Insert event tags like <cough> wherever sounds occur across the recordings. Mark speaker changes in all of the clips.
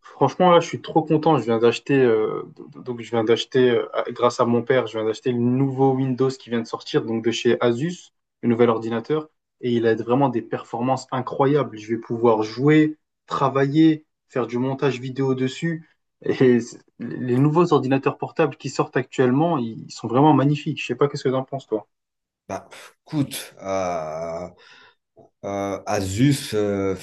Speaker 1: Franchement, là, je suis trop content. Je viens d'acheter, donc je viens d'acheter, grâce à mon père, je viens d'acheter le nouveau Windows qui vient de sortir, donc de chez Asus, le nouvel ordinateur, et il a vraiment des performances incroyables. Je vais pouvoir jouer, travailler, faire du montage vidéo dessus. Les nouveaux ordinateurs portables qui sortent actuellement, ils sont vraiment magnifiques. Je sais pas qu'est-ce que t'en penses, toi.
Speaker 2: Bah, écoute, Asus,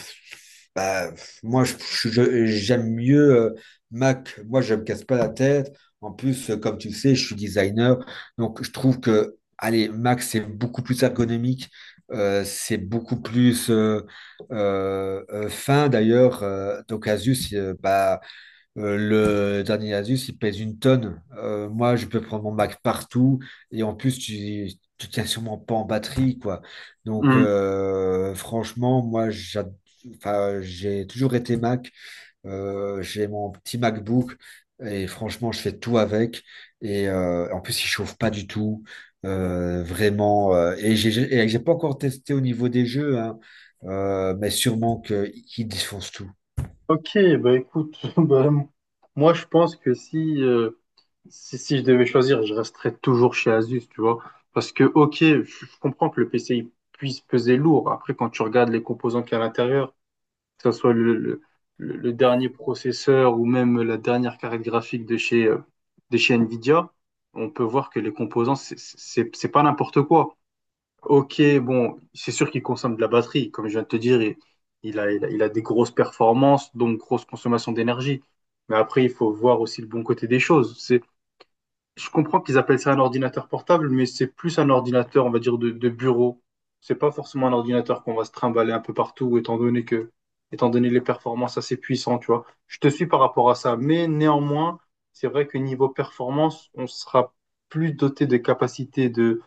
Speaker 2: bah, moi, je, j'aime mieux Mac. Moi, je me casse pas la tête. En plus, comme tu le sais, je suis designer. Donc, je trouve que, allez, Mac, c'est beaucoup plus ergonomique. C'est beaucoup plus fin, d'ailleurs. Donc, Asus, euh, le dernier Asus, il pèse une tonne. Moi, je peux prendre mon Mac partout. Et en plus, tu ne tiens sûrement pas en batterie, quoi. Donc,
Speaker 1: Hmm.
Speaker 2: franchement, enfin, j'ai toujours été Mac. J'ai mon petit MacBook. Et franchement, je fais tout avec. Et en plus, il chauffe pas du tout. Vraiment. Et et j'ai pas encore testé au niveau des jeux, hein. Mais qu'il défonce tout.
Speaker 1: Ok, bah écoute, <laughs> bah, moi je pense que si. Si, si je devais choisir, je resterais toujours chez Asus, tu vois. Parce que, ok, je comprends que le PC il puisse peser lourd. Après, quand tu regardes les composants qu'il y a à l'intérieur, que ce soit le, le dernier processeur ou même la dernière carte graphique de chez Nvidia, on peut voir que les composants, c'est pas n'importe quoi. Ok, bon, c'est sûr qu'il consomme de la batterie. Comme je viens de te dire, il a des grosses performances, donc grosse consommation d'énergie. Mais après, il faut voir aussi le bon côté des choses. Je comprends qu'ils appellent ça un ordinateur portable, mais c'est plus un ordinateur, on va dire, de bureau. C'est pas forcément un ordinateur qu'on va se trimballer un peu partout, étant donné les performances assez puissantes, tu vois. Je te suis par rapport à ça, mais néanmoins, c'est vrai que niveau performance, on sera plus doté de capacités de,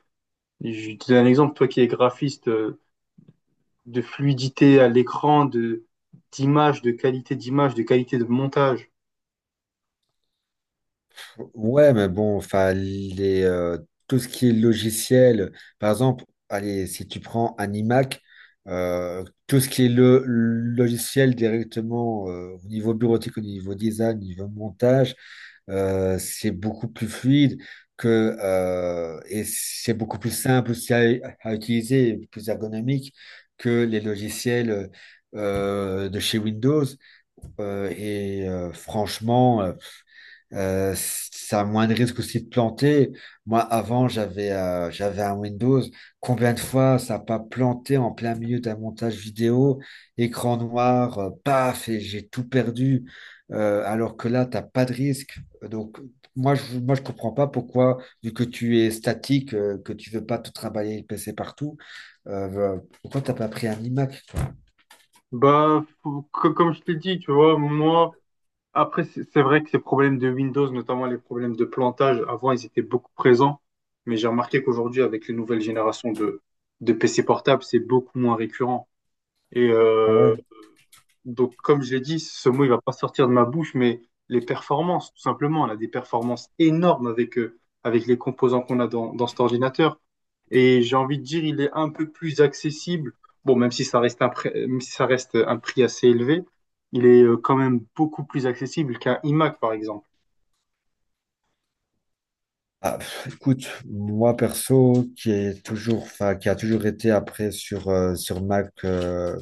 Speaker 1: je te donne un exemple, toi qui es graphiste, de fluidité à l'écran, de, d'image, de qualité de montage.
Speaker 2: Ouais, mais bon, enfin, tout ce qui est logiciel, par exemple, allez, si tu prends un iMac, tout ce qui est le logiciel directement au niveau bureautique, au niveau design, au niveau montage, c'est beaucoup plus fluide que, et c'est beaucoup plus simple aussi à utiliser, et plus ergonomique que les logiciels de chez Windows. Franchement, ça a moins de risques aussi de planter. Moi, avant, j'avais un Windows. Combien de fois ça n'a pas planté en plein milieu d'un montage vidéo, écran noir, paf, et j'ai tout perdu. Alors que là, t'as pas de risque. Donc, moi, je comprends pas pourquoi, vu que tu es statique, que tu veux pas tout trimballer le PC partout, euh, pourquoi t'as pas pris un iMac?
Speaker 1: Bah, comme je te l'ai dit, tu vois, moi. Après, c'est vrai que ces problèmes de Windows, notamment les problèmes de plantage, avant, ils étaient beaucoup présents. Mais j'ai remarqué qu'aujourd'hui, avec les nouvelles générations de PC portables, c'est beaucoup moins récurrent. Et
Speaker 2: Ah
Speaker 1: euh,
Speaker 2: ouais.
Speaker 1: donc, comme je l'ai dit, ce mot, il va pas sortir de ma bouche, mais les performances, tout simplement. On a des performances énormes avec, avec les composants qu'on a dans cet ordinateur. Et j'ai envie de dire, il est un peu plus accessible. Bon, même si ça reste un prix assez élevé, il est quand même beaucoup plus accessible qu'un iMac, par exemple.
Speaker 2: Ah, pff, écoute, moi perso, qui est toujours, enfin, qui a toujours été après sur Mac,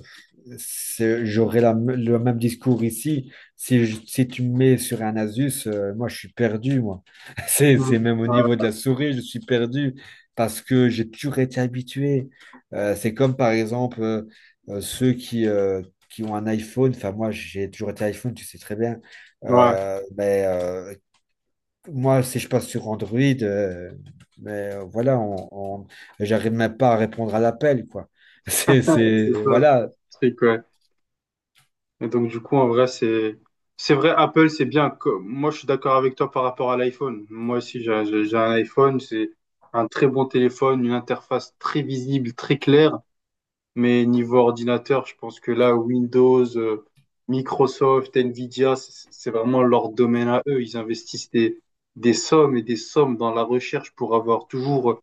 Speaker 2: j'aurais le même discours ici. Si tu me mets sur un Asus, moi je suis perdu, moi. <laughs> C'est
Speaker 1: Mm.
Speaker 2: même au niveau
Speaker 1: Ouais,
Speaker 2: de la souris, je suis perdu parce que j'ai toujours été habitué. C'est comme par exemple ceux qui ont un iPhone. Enfin, moi j'ai toujours été iPhone, tu sais très bien.
Speaker 1: ouais,
Speaker 2: Euh, mais euh, moi, si je passe sur Android, voilà, j'arrive même pas à répondre à l'appel, quoi. <laughs>
Speaker 1: c'est ça, je
Speaker 2: Voilà,
Speaker 1: pense. C'est que, ouais. Et donc, du coup, en vrai, c'est vrai, Apple, c'est bien. Moi, je suis d'accord avec toi par rapport à l'iPhone. Moi aussi, j'ai un iPhone, c'est un très bon téléphone, une interface très visible, très claire. Mais niveau ordinateur, je pense que là, Windows, Microsoft, Nvidia, c'est vraiment leur domaine à eux. Ils investissent des sommes et des sommes dans la recherche pour avoir toujours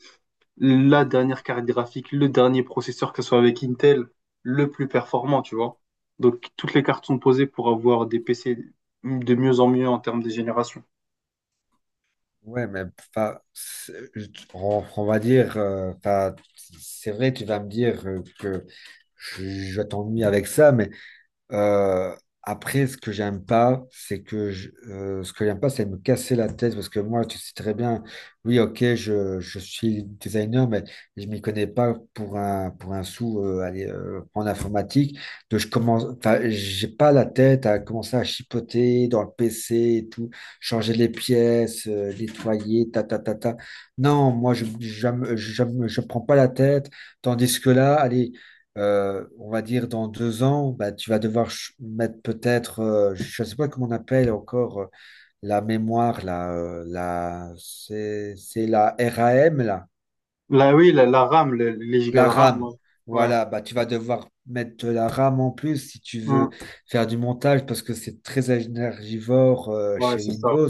Speaker 1: la dernière carte graphique, le dernier processeur, que ce soit avec Intel, le plus performant, tu vois. Donc, toutes les cartes sont posées pour avoir des PC de mieux en mieux en termes de génération.
Speaker 2: ouais, mais enfin, on va dire, enfin, c'est vrai, tu vas me dire que je t'ennuie avec ça, mais Euh, après, ce que j'aime pas, c'est ce que j'aime pas, c'est me casser la tête parce que moi, tu sais très bien, oui, ok, je suis designer, mais je m'y connais pas pour un sou aller, en informatique. Donc je commence, enfin, j'ai pas la tête à commencer à chipoter dans le PC et tout, changer les pièces, nettoyer, ta ta ta ta. Non, moi, je me prends pas la tête, tandis que là, allez on va dire dans deux ans, bah, tu vas devoir mettre peut-être, je ne sais pas comment on appelle encore la mémoire, c'est la RAM, là.
Speaker 1: Là, oui, la RAM, les gigas
Speaker 2: La
Speaker 1: de RAM,
Speaker 2: RAM.
Speaker 1: ouais. Ouais.
Speaker 2: Voilà, bah, tu vas devoir mettre de la RAM en plus si tu
Speaker 1: Mm.
Speaker 2: veux faire du montage parce que c'est très énergivore
Speaker 1: Ouais,
Speaker 2: chez
Speaker 1: c'est ça.
Speaker 2: Windows.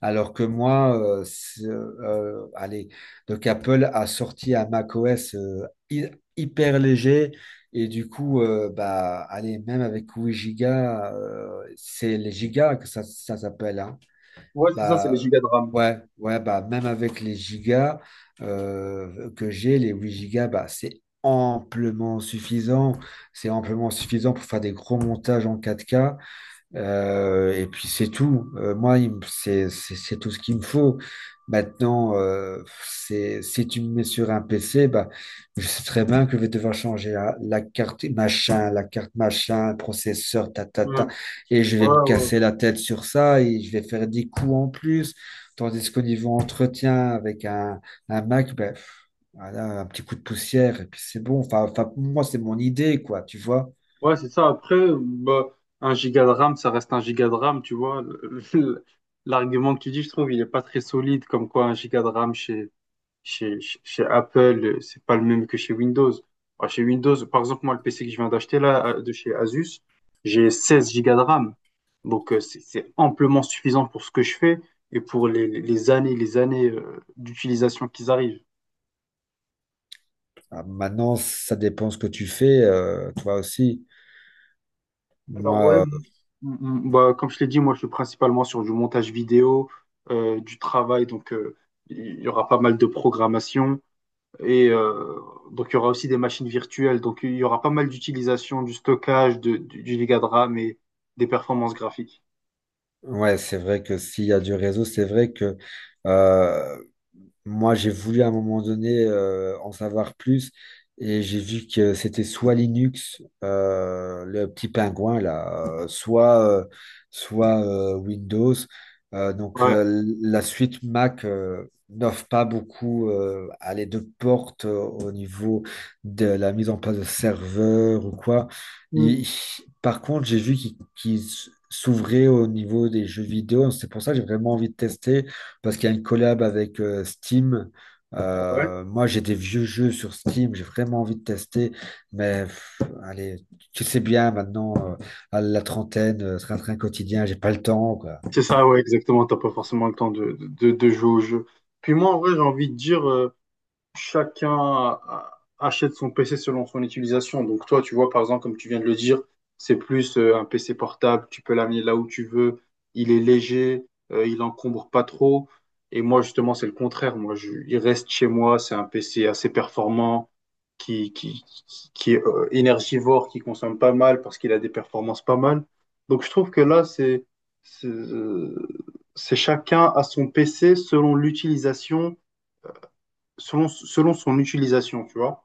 Speaker 2: Alors que moi, allez, donc Apple a sorti un macOS hyper léger et du coup, bah, allez, même avec 8 gigas, c'est les gigas que ça s'appelle, hein.
Speaker 1: Ouais, c'est ça, c'est les
Speaker 2: Bah,
Speaker 1: gigas de RAM.
Speaker 2: ouais, ouais, bah, même avec les gigas que j'ai, les 8 gigas, bah, c'est amplement suffisant. C'est amplement suffisant pour faire des gros montages en quatre k et puis c'est tout. Moi, c'est tout ce qu'il me faut. Maintenant, si tu me mets sur un PC, bah, je sais très bien que je vais devoir changer la carte machin, processeur, ta, ta, ta,
Speaker 1: Mm.
Speaker 2: et je
Speaker 1: Ouais,
Speaker 2: vais me
Speaker 1: ouais.
Speaker 2: casser la tête sur ça et je vais faire des coups en plus. Tandis qu'au niveau entretien avec un Mac, ben, pff, voilà, un petit coup de poussière et puis c'est bon. Enfin, enfin, pour moi, c'est mon idée, quoi, tu vois.
Speaker 1: Ouais, c'est ça. Après, bah, un giga de RAM, ça reste un giga de RAM, tu vois. Le- L'argument que tu dis, je trouve, il est pas très solide, comme quoi un giga de RAM chez Apple, c'est pas le même que chez Windows. Bah, chez Windows, par exemple, moi, le PC que je viens d'acheter là, de chez Asus, j'ai 16 gigas de RAM. Donc, c'est amplement suffisant pour ce que je fais et pour les années d'utilisation qui arrivent.
Speaker 2: Ah, maintenant, ça dépend ce que tu fais, toi aussi. Moi,
Speaker 1: Alors ouais, m- bah, comme je l'ai dit, moi je suis principalement sur du montage vidéo, du travail, donc il y aura pas mal de programmation et donc il y aura aussi des machines virtuelles, donc il y aura pas mal d'utilisation du stockage, du giga de RAM et des performances graphiques.
Speaker 2: ouais, c'est vrai que s'il y a du réseau, c'est vrai que euh, moi, j'ai voulu à un moment donné en savoir plus et j'ai vu que c'était soit Linux, le petit pingouin là, soit Windows. Donc
Speaker 1: Ouais.
Speaker 2: la suite Mac n'offre pas beaucoup à les deux portes au niveau de la mise en place de serveurs ou quoi.
Speaker 1: Mm.
Speaker 2: Il- Par contre, j'ai vu qu'ils s'ouvraient au niveau des jeux vidéo. C'est pour ça que j'ai vraiment envie de tester parce qu'il y a une collab avec Steam.
Speaker 1: Ouais.
Speaker 2: Moi, j'ai des vieux jeux sur Steam, j'ai vraiment envie de tester, mais pff, allez, tu sais bien maintenant, à la trentaine, train-train quotidien, j'ai pas le temps, quoi.
Speaker 1: C'est ça, ouais, exactement. T'as pas forcément le temps de jouer au jeu. Puis moi, en vrai, j'ai envie de dire, chacun achète son PC selon son utilisation. Donc toi, tu vois, par exemple, comme tu viens de le dire, c'est plus un PC portable, tu peux l'amener là où tu veux, il est léger, il encombre pas trop. Et moi, justement, c'est le contraire. Moi, il reste chez moi, c'est un PC assez performant, qui, qui, qui est énergivore, qui consomme pas mal parce qu'il a des performances pas mal. Donc je trouve que là, c'est euh, c'est chacun à son PC selon l'utilisation. Selon son utilisation, tu vois.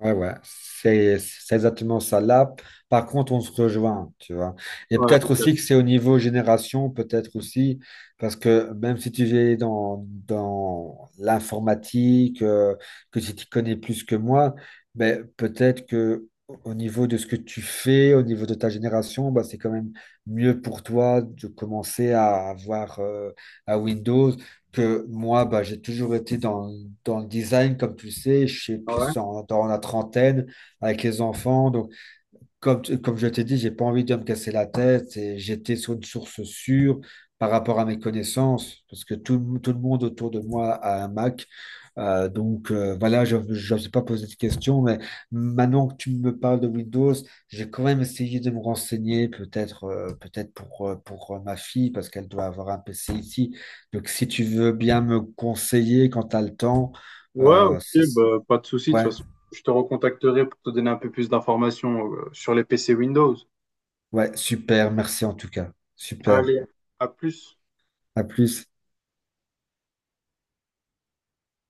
Speaker 2: Ouais, ouais, c'est exactement ça. Là, par contre, on se rejoint, tu vois. Et
Speaker 1: Ouais,
Speaker 2: peut-être aussi
Speaker 1: exact.
Speaker 2: que c'est au niveau génération, peut-être aussi, parce que même si tu es dans l'informatique, que si tu connais plus que moi, mais peut-être que au niveau de ce que tu fais, au niveau de ta génération, bah, c'est quand même mieux pour toi de commencer à avoir à Windows que moi, bah, j'ai toujours été dans le design, comme tu le sais, je suis
Speaker 1: Ouais.
Speaker 2: dans la trentaine avec les enfants. Donc, comme je t'ai dit, j'ai pas envie de me casser la tête et j'étais sur une source sûre par rapport à mes connaissances, parce que tout le monde autour de moi a un Mac. Donc voilà, je ne sais pas poser de questions, mais maintenant que tu me parles de Windows, j'ai quand même essayé de me renseigner, peut-être peut-être pour ma fille, parce qu'elle doit avoir un PC ici. Donc si tu veux bien me conseiller quand tu as le temps,
Speaker 1: Ouais,
Speaker 2: euh,
Speaker 1: ok,
Speaker 2: ça s-
Speaker 1: bah, pas de souci. De toute
Speaker 2: ouais,
Speaker 1: façon, je te recontacterai pour te donner un peu plus d'informations sur les PC Windows.
Speaker 2: ouais, super, merci en tout cas. Super,
Speaker 1: Allez, à plus.
Speaker 2: à plus.